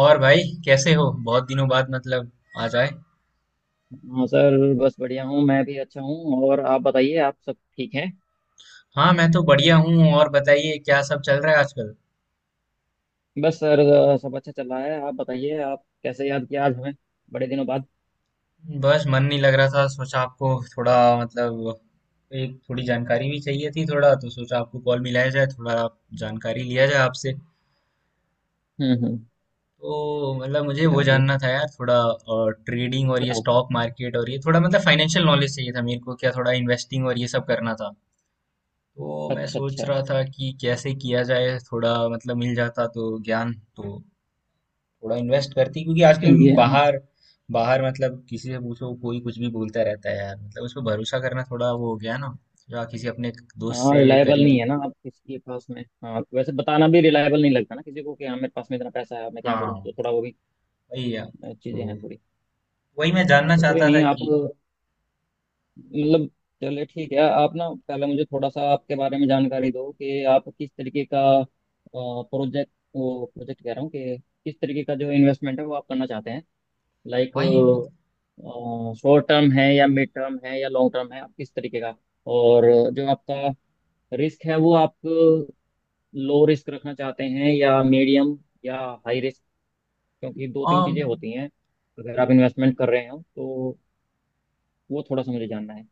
और भाई कैसे हो? बहुत दिनों बाद मतलब आ जाए। हाँ सर। बस बढ़िया हूँ, मैं भी अच्छा हूँ। और आप बताइए, आप सब ठीक हैं? हाँ, मैं तो बढ़िया हूँ। और बताइए, क्या सब चल रहा है आजकल? बस सर, सब अच्छा चल रहा है। आप बताइए, आप कैसे याद किया आज हमें, बड़े दिनों बाद। बस मन नहीं लग रहा था, सोचा आपको थोड़ा मतलब एक थोड़ी जानकारी भी चाहिए थी थोड़ा, तो सोचा आपको कॉल मिलाया जाए, थोड़ा आप जानकारी लिया जाए आपसे। हम्म। तो मतलब मुझे वो चलिए जानना था यार, थोड़ा ट्रेडिंग और ये बताओ। स्टॉक मार्केट और ये थोड़ा मतलब फाइनेंशियल नॉलेज चाहिए था मेरे को, क्या थोड़ा इन्वेस्टिंग और ये सब करना था। तो मैं अच्छा सोच अच्छा। रहा था कि कैसे किया जाए, थोड़ा मतलब मिल जाता तो ज्ञान तो थोड़ा इन्वेस्ट करती क्योंकि आजकल ये, हाँ, बाहर बाहर मतलब किसी से पूछो कोई कुछ भी बोलता रहता है यार, मतलब उस पर भरोसा करना थोड़ा वो हो गया ना, या किसी अपने दोस्त हाँ, से रिलायबल नहीं करीबी। है ना आप किसी के पास में। हाँ वैसे बताना भी रिलायबल नहीं लगता ना किसी को कि हाँ मेरे पास में इतना पैसा है, मैं क्या करूँ, हाँ, तो थोड़ा वो भी वही है। तो चीजें हैं थोड़ी। वही मैं हाँ, जानना तो कोई चाहता था नहीं, आप कि मतलब, चलिए ठीक है। आप ना पहले मुझे थोड़ा सा आपके बारे में जानकारी दो कि आप किस तरीके का प्रोजेक्ट, वो प्रोजेक्ट कह रहा हूँ, कि किस तरीके का जो इन्वेस्टमेंट है वो आप करना चाहते हैं। लाइक वही। शॉर्ट टर्म है या मिड टर्म है या लॉन्ग टर्म है, आप किस तरीके का। और जो आपका रिस्क है वो आप लो रिस्क रखना चाहते हैं या मीडियम या हाई रिस्क, क्योंकि दो तीन आम, चीज़ें होती हैं अगर आप इन्वेस्टमेंट कर रहे हो तो। वो थोड़ा सा मुझे जानना है,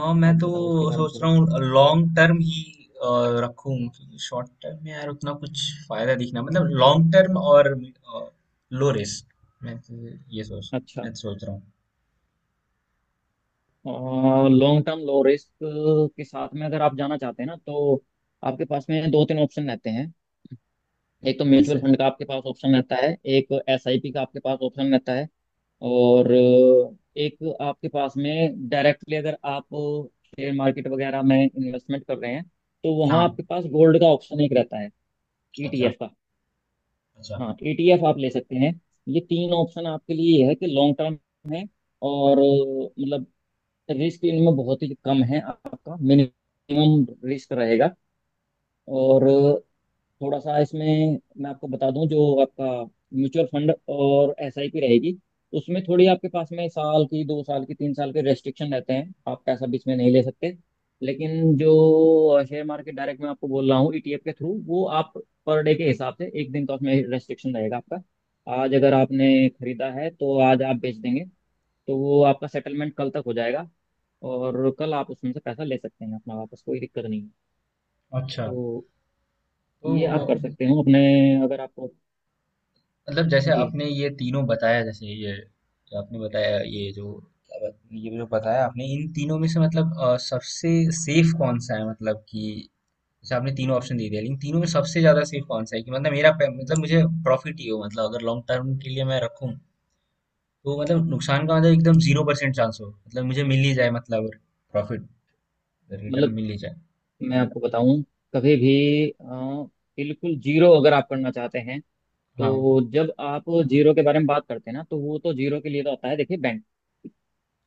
आम, मैं आप तो बताओ उसके बारे में सोच रहा थोड़ा। हूँ लॉन्ग टर्म ही अ, रखूं क्योंकि शॉर्ट टर्म में यार उतना कुछ फायदा दिखना मतलब लॉन्ग टर्म और लो रिस्क मैं तो ये सोच, अच्छा, मैं तो सोच रहा हूँ। लॉन्ग टर्म लो रिस्क के साथ में अगर आप जाना चाहते हैं ना, तो आपके पास में दो तीन ऑप्शन रहते हैं। एक तो म्यूचुअल जैसे फंड का आपके पास ऑप्शन रहता है, एक एसआईपी का आपके पास ऑप्शन रहता है, और एक आपके पास में डायरेक्टली अगर आप शेयर मार्केट वगैरह में इन्वेस्टमेंट कर रहे हैं तो वहाँ हाँ, आपके पास गोल्ड का ऑप्शन एक रहता है, अच्छा ईटीएफ का। अच्छा हाँ ईटीएफ आप ले सकते हैं। ये तीन ऑप्शन आपके लिए ये है कि लॉन्ग टर्म है, और मतलब रिस्क इनमें बहुत ही कम है, आपका मिनिमम रिस्क रहेगा। और थोड़ा सा इसमें मैं आपको बता दूं, जो आपका म्यूचुअल फंड और एसआईपी रहेगी, उसमें थोड़ी आपके पास में साल की, दो साल की, तीन साल के रेस्ट्रिक्शन रहते हैं, आप पैसा बीच में नहीं ले सकते। लेकिन जो शेयर मार्केट डायरेक्ट में आपको बोल रहा हूँ, ईटीएफ के थ्रू, वो आप पर डे के हिसाब से एक दिन का उसमें रेस्ट्रिक्शन रहेगा आपका। आज अगर आपने खरीदा है तो आज आप बेच देंगे, तो वो आपका सेटलमेंट कल तक हो जाएगा, और कल आप उसमें से पैसा ले सकते हैं अपना वापस, कोई दिक्कत नहीं है। अच्छा। तो ये आप तो अ, कर सकते हो अपने, अगर आपको। मतलब जैसे जी। आपने ये तीनों बताया, जैसे ये जो आपने बताया, ये जो ये जो बताया आपने, इन तीनों में से मतलब सबसे सेफ कौन सा है, मतलब कि जैसे आपने तीनों ऑप्शन दे दिया, लेकिन तीनों में सबसे ज्यादा सेफ कौन सा है कि मतलब मतलब मुझे प्रॉफिट ही हो, मतलब अगर लॉन्ग टर्म के लिए मैं रखूं तो मतलब नुकसान का मतलब एकदम 0% चांस हो, मतलब मुझे मिल ही जाए मतलब प्रॉफिट, रिटर्न मतलब मिल ही जाए। मैं आपको बताऊं, कभी भी बिल्कुल जीरो अगर आप करना चाहते हैं, हाँ, तो जब आप जीरो के बारे में बात करते हैं ना, तो वो तो जीरो के लिए तो होता है, देखिए बैंक।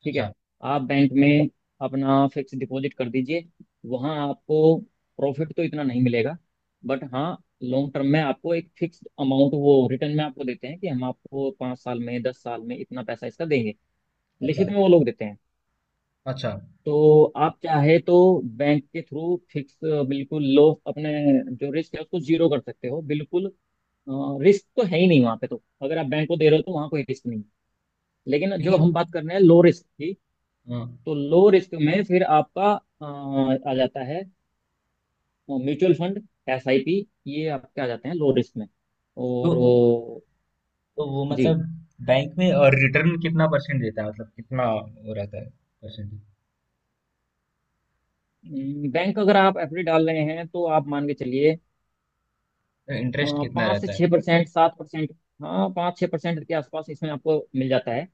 ठीक अच्छा है, आप बैंक में अपना फिक्स डिपॉजिट कर दीजिए, वहां आपको प्रॉफिट तो इतना नहीं मिलेगा, बट हाँ लॉन्ग टर्म में आपको एक फिक्स अमाउंट वो रिटर्न में आपको देते हैं कि हम आपको 5 साल में, 10 साल में इतना पैसा इसका देंगे, अच्छा लिखित में वो लोग देते हैं। अच्छा। तो आप चाहे तो बैंक के थ्रू फिक्स, बिल्कुल लो अपने जो रिस्क है उसको जीरो कर सकते हो, बिल्कुल रिस्क तो है ही नहीं वहां पे। तो अगर आप बैंक को दे रहे हो तो वहां कोई रिस्क नहीं है। लेकिन जो लेकिन हम बात कर रहे हैं लो रिस्क की, हाँ, तो लो रिस्क में फिर आपका अ, आ जाता है म्यूचुअल फंड, एसआईपी, ये आपके आ जाते हैं लो रिस्क में। तो और तो वो जी, मतलब बैंक में और रिटर्न कितना परसेंट देता है, मतलब कितना वो रहता है परसेंट, बैंक अगर आप एफडी डाल रहे हैं तो आप मान के चलिए इंटरेस्ट कितना पाँच से रहता है? छः परसेंट 7%। हाँ 5 छः % के आसपास इसमें आपको मिल जाता है।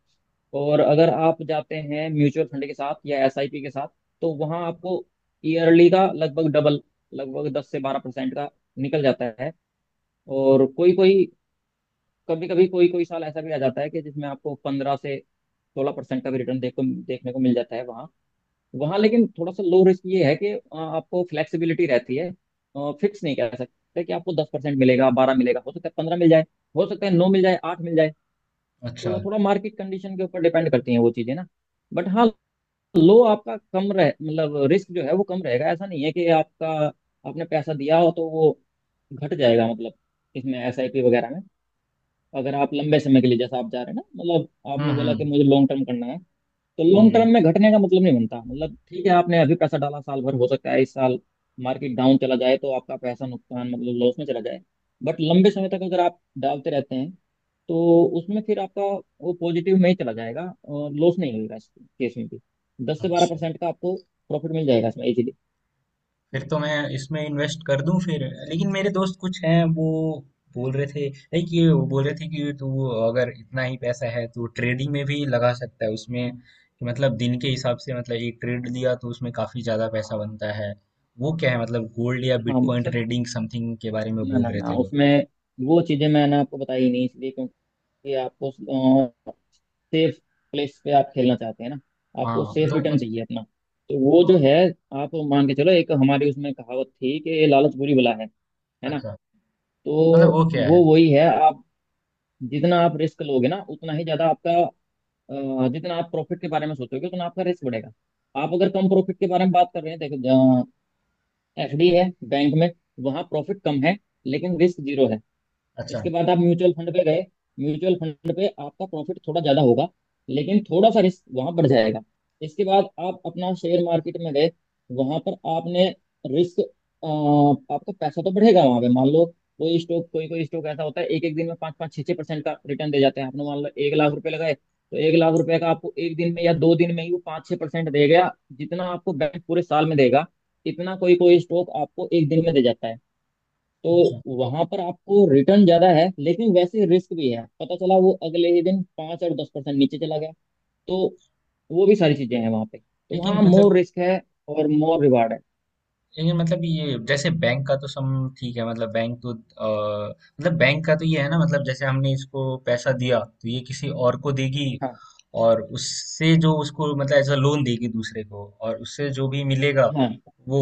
और अगर आप जाते हैं म्यूचुअल फंड के साथ या एसआईपी के साथ, तो वहाँ आपको ईयरली का लगभग डबल, लगभग 10 से 12% का निकल जाता है। और कोई कोई, कभी कभी कोई कोई साल ऐसा भी आ जाता है कि जिसमें आपको 15 से 16% का भी रिटर्न देखो देखने को मिल जाता है वहाँ। वहाँ लेकिन थोड़ा सा लो रिस्क ये है कि आपको फ्लेक्सिबिलिटी रहती है, फिक्स नहीं कह सकते कि आपको 10% मिलेगा, बारह मिलेगा, हो सकता है पंद्रह मिल जाए, हो सकता है नौ मिल जाए, आठ मिल जाए। तो अच्छा। वो थोड़ा मार्केट कंडीशन के ऊपर डिपेंड करती हैं वो चीज़ें ना। बट हाँ, लो आपका कम रह मतलब रिस्क जो है वो कम रहेगा। ऐसा नहीं है कि आपका, आपने पैसा दिया हो तो वो घट जाएगा, मतलब इसमें एसआईपी वगैरह में अगर आप लंबे समय के लिए जैसा आप जा रहे हैं ना, मतलब हम्म आपने बोला कि हम्म मुझे लॉन्ग टर्म करना है, तो लॉन्ग हम्म। टर्म में घटने का मतलब नहीं बनता। मतलब ठीक है, आपने अभी पैसा डाला साल भर, हो सकता है इस साल मार्केट डाउन चला जाए तो आपका पैसा नुकसान मतलब लॉस में चला जाए, बट लंबे समय तक अगर आप डालते रहते हैं, तो उसमें फिर आपका वो पॉजिटिव में ही चला जाएगा और लॉस नहीं होगा। इस केस में भी दस से बारह अच्छा, परसेंट का आपको प्रॉफिट मिल जाएगा इसमें इजीली। फिर तो मैं इसमें इन्वेस्ट कर दूं फिर। लेकिन मेरे दोस्त कुछ हैं, वो बोल रहे थे लाइक, ये वो बोल रहे थे कि तू अगर इतना ही पैसा है तो ट्रेडिंग में भी लगा सकता है, उसमें कि मतलब दिन के हिसाब से मतलब एक ट्रेड लिया तो उसमें काफी ज्यादा पैसा बनता है। वो क्या है मतलब गोल्ड या हाँ बिटकॉइन सर। ट्रेडिंग समथिंग के बारे में ना बोल ना रहे ना, थे वो। उसमें वो चीज़ें मैंने आपको बताई नहीं इसलिए। ये आपको सेफ प्लेस पे आप खेलना चाहते हैं ना, आपको हाँ सेफ तो रिटर्न चाहिए अपना। तो वो जो है, आप मान के चलो, एक हमारी उसमें कहावत थी कि ये लालच बुरी बला है ना। अच्छा, तो मतलब वो क्या है? वो वही है आप, जितना आप रिस्क लोगे ना, उतना ही ज्यादा आपका जितना आप प्रॉफिट के बारे में सोचोगे, उतना आपका रिस्क बढ़ेगा। आप अगर कम प्रॉफिट के बारे में बात कर रहे हैं, देखो एफडी है बैंक में, वहां प्रॉफिट कम है लेकिन रिस्क जीरो है। अच्छा, इसके बाद आप म्यूचुअल फंड पे गए, म्यूचुअल फंड पे आपका प्रॉफिट थोड़ा ज्यादा होगा लेकिन थोड़ा सा रिस्क वहां बढ़ जाएगा। इसके बाद आप अपना शेयर मार्केट में गए, वहां पर आपने रिस्क, आपका पैसा तो बढ़ेगा वहां पे, मान लो कोई स्टॉक, कोई कोई स्टॉक ऐसा होता है एक एक दिन में पाँच पाँच छः छः परसेंट का रिटर्न दे जाते हैं। आपने मान लो एक लाख रुपए लगाए तो एक लाख रुपए का आपको एक दिन में या दो दिन में ही वो पाँच छः परसेंट दे गया, जितना आपको बैंक पूरे साल में देगा इतना कोई कोई स्टॉक आपको एक दिन में दे जाता है। तो अच्छा। वहां पर आपको रिटर्न ज्यादा है लेकिन वैसे रिस्क भी है, पता चला वो अगले ही दिन 5 और 10% नीचे चला गया। तो वो भी सारी चीजें हैं वहां पे, तो लेकिन वहाँ मोर मतलब, रिस्क है और मोर रिवार्ड है। लेकिन मतलब ये जैसे बैंक का तो सम, ठीक है मतलब बैंक तो मतलब बैंक का तो ये है ना, मतलब जैसे हमने इसको पैसा दिया तो ये किसी और को देगी, हाँ और उससे जो उसको मतलब एज अ लोन देगी दूसरे को, और उससे जो भी मिलेगा हाँ वो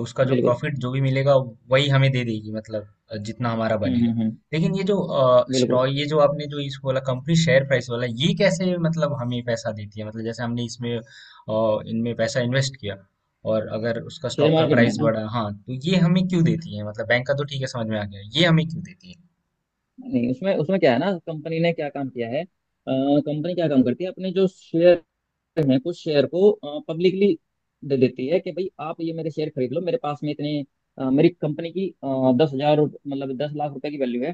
उसका जो बिल्कुल। प्रॉफिट जो भी मिलेगा वही हमें दे देगी, मतलब जितना हमारा बनेगा। हम्म। लेकिन ये जो बिल्कुल। स्टॉक, ये जो आपने जो इस बोला कंपनी शेयर प्राइस वाला ये कैसे मतलब हमें पैसा देती है, मतलब जैसे हमने इसमें इनमें पैसा इन्वेस्ट किया और अगर उसका शेयर स्टॉक का मार्केट में प्राइस ना, बढ़ा, हाँ, तो ये हमें क्यों देती है? मतलब बैंक का तो ठीक है, समझ में आ गया, ये हमें क्यों देती है? नहीं उसमें, क्या है ना, कंपनी ने क्या काम किया है, कंपनी क्या काम करती है, अपने जो शेयर हैं कुछ शेयर को पब्लिकली दे देती है कि भाई आप ये मेरे शेयर खरीद लो, मेरे पास में इतने मेरी कंपनी की 10 हज़ार मतलब 10 लाख रुपए की वैल्यू है।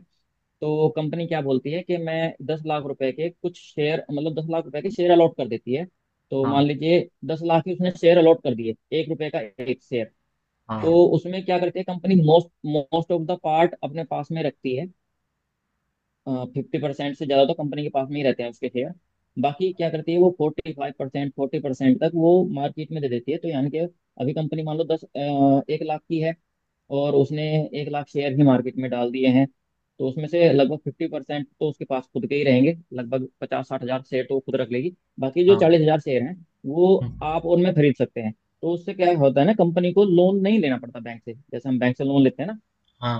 तो कंपनी क्या बोलती है कि मैं 10 लाख रुपए के कुछ शेयर, मतलब दस लाख रुपए के शेयर अलॉट कर देती है। तो हाँ मान लीजिए 10 लाख के उसने शेयर अलॉट कर दिए, एक रुपए का एक शेयर। हाँ तो उसमें क्या करती है company, most most of the part अपने पास में रखती है, 50% से ज़्यादा तो कंपनी के पास में ही रहते हैं उसके शेयर। बाकी क्या करती है वो, 45% 40% तक वो मार्केट में दे देती है। तो यानी कि अभी कंपनी मान लो दस एक लाख की है, और उसने एक लाख शेयर ही मार्केट में डाल दिए हैं, तो उसमें से लगभग 50% तो उसके पास खुद के ही रहेंगे, लगभग 50-60 हज़ार शेयर तो वो खुद रख लेगी। बाकी जो हाँ। 40 हज़ार शेयर हैं वो हम्म, आप और मैं खरीद सकते हैं। तो उससे क्या होता है ना, कंपनी को लोन नहीं लेना पड़ता बैंक से, जैसे हम बैंक से लोन लेते हैं ना,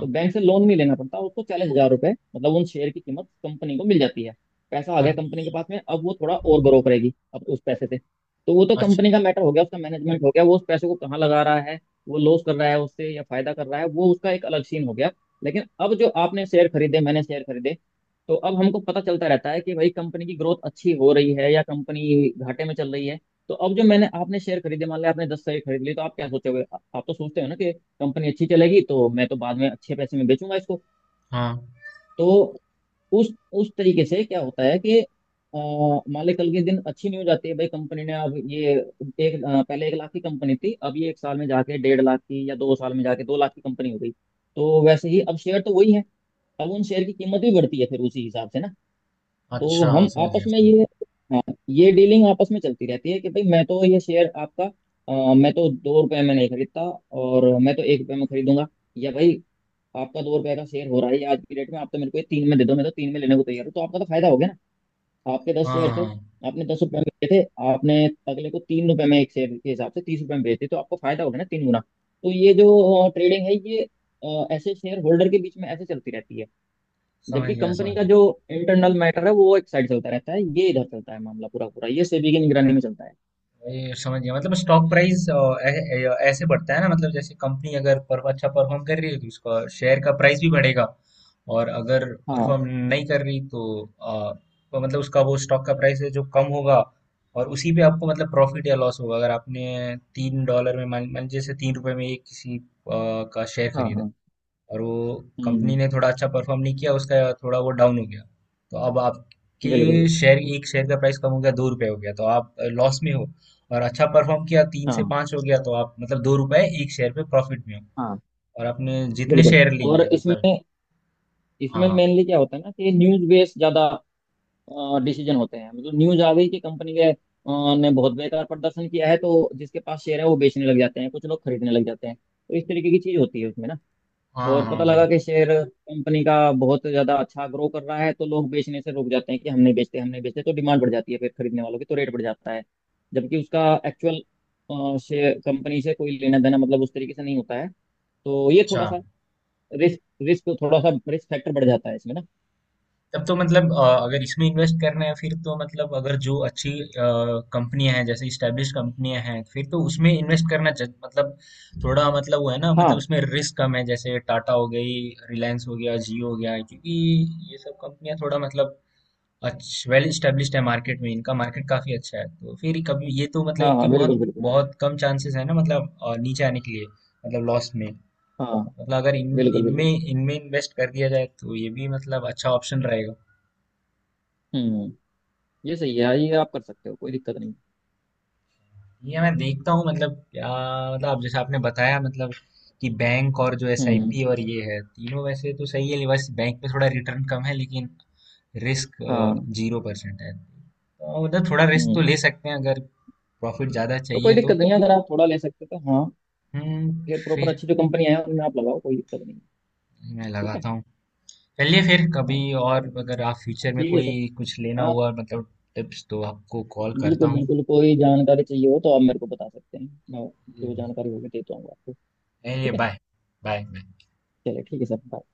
तो बैंक से लोन नहीं लेना पड़ता उसको। 40 हज़ार रुपए मतलब उन शेयर की कीमत कंपनी को मिल जाती है, पैसा आ गया कंपनी के अच्छा। पास में, अब वो थोड़ा और ग्रो करेगी अब उस पैसे से। तो वो तो अच्छा, कंपनी का मैटर हो गया, उसका मैनेजमेंट हो गया, वो उस पैसे को कहाँ लगा रहा है, वो लॉस कर रहा है उससे या फायदा कर रहा है, वो उसका एक अलग सीन हो गया। लेकिन अब जो आपने शेयर खरीदे मैंने शेयर खरीदे, तो अब हमको पता चलता रहता है कि भाई कंपनी की ग्रोथ अच्छी हो रही है या कंपनी घाटे में चल रही है। तो अब जो मैंने आपने शेयर खरीदे, मान लिया आपने 10 शेयर खरीद लिए, तो आप क्या सोचे हुए, आप तो सोचते हो ना कि कंपनी अच्छी चलेगी तो मैं तो बाद में अच्छे पैसे में बेचूंगा इसको। हाँ। तो उस उस तरीके से क्या होता है कि मान ले कल के दिन अच्छी न्यूज आती है, भाई कंपनी ने अब ये एक पहले एक लाख की कंपनी थी, अब ये एक साल में जाके डेढ़ लाख की या दो साल में जाके दो लाख की कंपनी हो गई। तो वैसे ही अब शेयर तो वही है, अब उन शेयर की कीमत भी बढ़ती है फिर उसी हिसाब से ना। अच्छा, तो हम समझ आपस गया में समझ गया। ये, हाँ, ये डीलिंग आपस में चलती रहती है कि भाई मैं तो ये शेयर आपका मैं तो दो रुपए में नहीं खरीदता, और मैं तो एक रुपए में खरीदूंगा, या भाई आपका दो रुपए का शेयर हो रहा है ये आज की डेट में, आप तो मेरे को ये तीन में दे दो, मैं तो तीन में लेने को तैयार हूँ, तो आपका तो फायदा हो गया ना। आपके दस हाँ, शेयर थे, हाँ, आपने 10 रुपए में लिए थे, आपने अगले को तीन रुपए में एक शेयर के हिसाब से 30 रुपए में बेचे, तो आपको फायदा हो गया ना तीन गुना। तो ये जो ट्रेडिंग है ये ऐसे शेयर होल्डर के बीच में ऐसे चलती रहती है, समझ जबकि गया कंपनी समझ का गया। जो इंटरनल मैटर है वो एक साइड चलता रहता है, ये इधर चलता है मामला, पूरा पूरा ये सेबी की निगरानी में चलता है। ये समझ गया, मतलब स्टॉक प्राइस ऐसे बढ़ता है ना, मतलब जैसे कंपनी अगर अच्छा परफॉर्म कर रही है तो उसका शेयर का प्राइस भी बढ़ेगा, और अगर हाँ परफॉर्म नहीं कर रही तो, अ, तो मतलब उसका वो स्टॉक का प्राइस है जो कम होगा, और उसी पे आपको मतलब प्रॉफिट या लॉस होगा। अगर आपने तीन डॉलर में मान मान लीजिए जैसे तीन रुपए में ये किसी का शेयर हाँ खरीदा, हाँ। और वो कंपनी हम्म ने थोड़ा अच्छा परफॉर्म नहीं किया, उसका थोड़ा वो डाउन हो गया, तो अब आपके बिल्कुल बिल्कुल। शेयर एक शेयर का प्राइस कम हो गया, दो रुपए हो गया, तो आप लॉस में हो। और अच्छा परफॉर्म किया, तीन से हाँ पाँच हो गया, तो आप मतलब दो रुपए एक शेयर पे प्रॉफिट में हो, हाँ और आपने जितने बिल्कुल। शेयर लिए और हैं मतलब। इसमें इसमें हाँ मेनली क्या होता है ना कि न्यूज बेस्ड ज्यादा डिसीजन होते हैं, मतलब न्यूज आ गई कि कंपनी के ने बहुत बेकार प्रदर्शन किया है, तो जिसके पास शेयर है वो बेचने लग जाते हैं, कुछ लोग खरीदने लग जाते हैं, तो इस तरीके की चीज होती है उसमें ना। हाँ और पता हाँ लगा सुनो। कि शेयर कंपनी का बहुत ज्यादा अच्छा ग्रो कर रहा है, तो लोग बेचने से रुक जाते हैं कि हम नहीं बेचते हम नहीं बेचते, तो डिमांड बढ़ जाती है फिर खरीदने वालों की, तो रेट बढ़ जाता है, जबकि उसका एक्चुअल शेयर कंपनी से कोई लेना देना मतलब उस तरीके से नहीं होता है। तो ये अच्छा, थोड़ा सा रिस्क रिस्क थोड़ा सा रिस्क फैक्टर बढ़ जाता है इसमें ना। तब तो मतलब अगर इसमें इन्वेस्ट करना है फिर तो मतलब अगर जो अच्छी कंपनियां हैं, जैसे इस्टेब्लिश कंपनियां हैं, फिर तो उसमें इन्वेस्ट करना मतलब थोड़ा मतलब वो है ना, मतलब हाँ उसमें रिस्क कम है, जैसे टाटा हो गई, रिलायंस हो गया, जियो हो गया, क्योंकि ये सब कंपनियां थोड़ा मतलब अच्छा वेल इस्टेब्लिश्ड है, मार्केट में इनका मार्केट काफी अच्छा है, तो फिर कभी ये तो मतलब हाँ इनके हाँ बिल्कुल बहुत बिल्कुल बिल्कुल। बहुत कम चांसेस है ना, मतलब नीचे आने के लिए, मतलब लॉस में, हाँ मतलब अगर इन बिल्कुल बिल्कुल। इनमें इनमें इन्वेस्ट कर दिया जाए तो ये भी मतलब अच्छा ऑप्शन रहेगा। हम्म, ये सही है, ये आप कर सकते हो, कोई दिक्कत नहीं। ये मैं देखता हूँ, मतलब क्या मतलब आप जैसे आपने बताया मतलब कि बैंक और जो हम्म। एसआईपी और ये है, तीनों वैसे तो सही है, बस बैंक पे थोड़ा रिटर्न कम है लेकिन रिस्क हाँ। 0% है, तो मतलब थोड़ा रिस्क तो हम्म, ले सकते हैं अगर प्रॉफिट ज़्यादा तो कोई चाहिए दिक्कत तो। नहीं है, अगर आप थोड़ा ले सकते हो तो हाँ, हम्म, फिर प्रॉपर फिर अच्छी जो कंपनी है उनमें आप लगाओ, कोई दिक्कत नहीं है। मैं ठीक है। लगाता हूँ। चलिए, फिर कभी हाँ, और चलो, अगर आप फ्यूचर में ठीक है सर, कोई कुछ लेना आप। हुआ मतलब टिप्स तो आपको कॉल करता बिल्कुल हूँ। बिल्कुल, कोई जानकारी चाहिए हो तो आप मेरे को बता सकते हैं, मैं चलिए, जो जानकारी होगी दे दूंगा आपको। बाय। ठीक है, बाय बाय। चलिए ठीक है सर, बाय।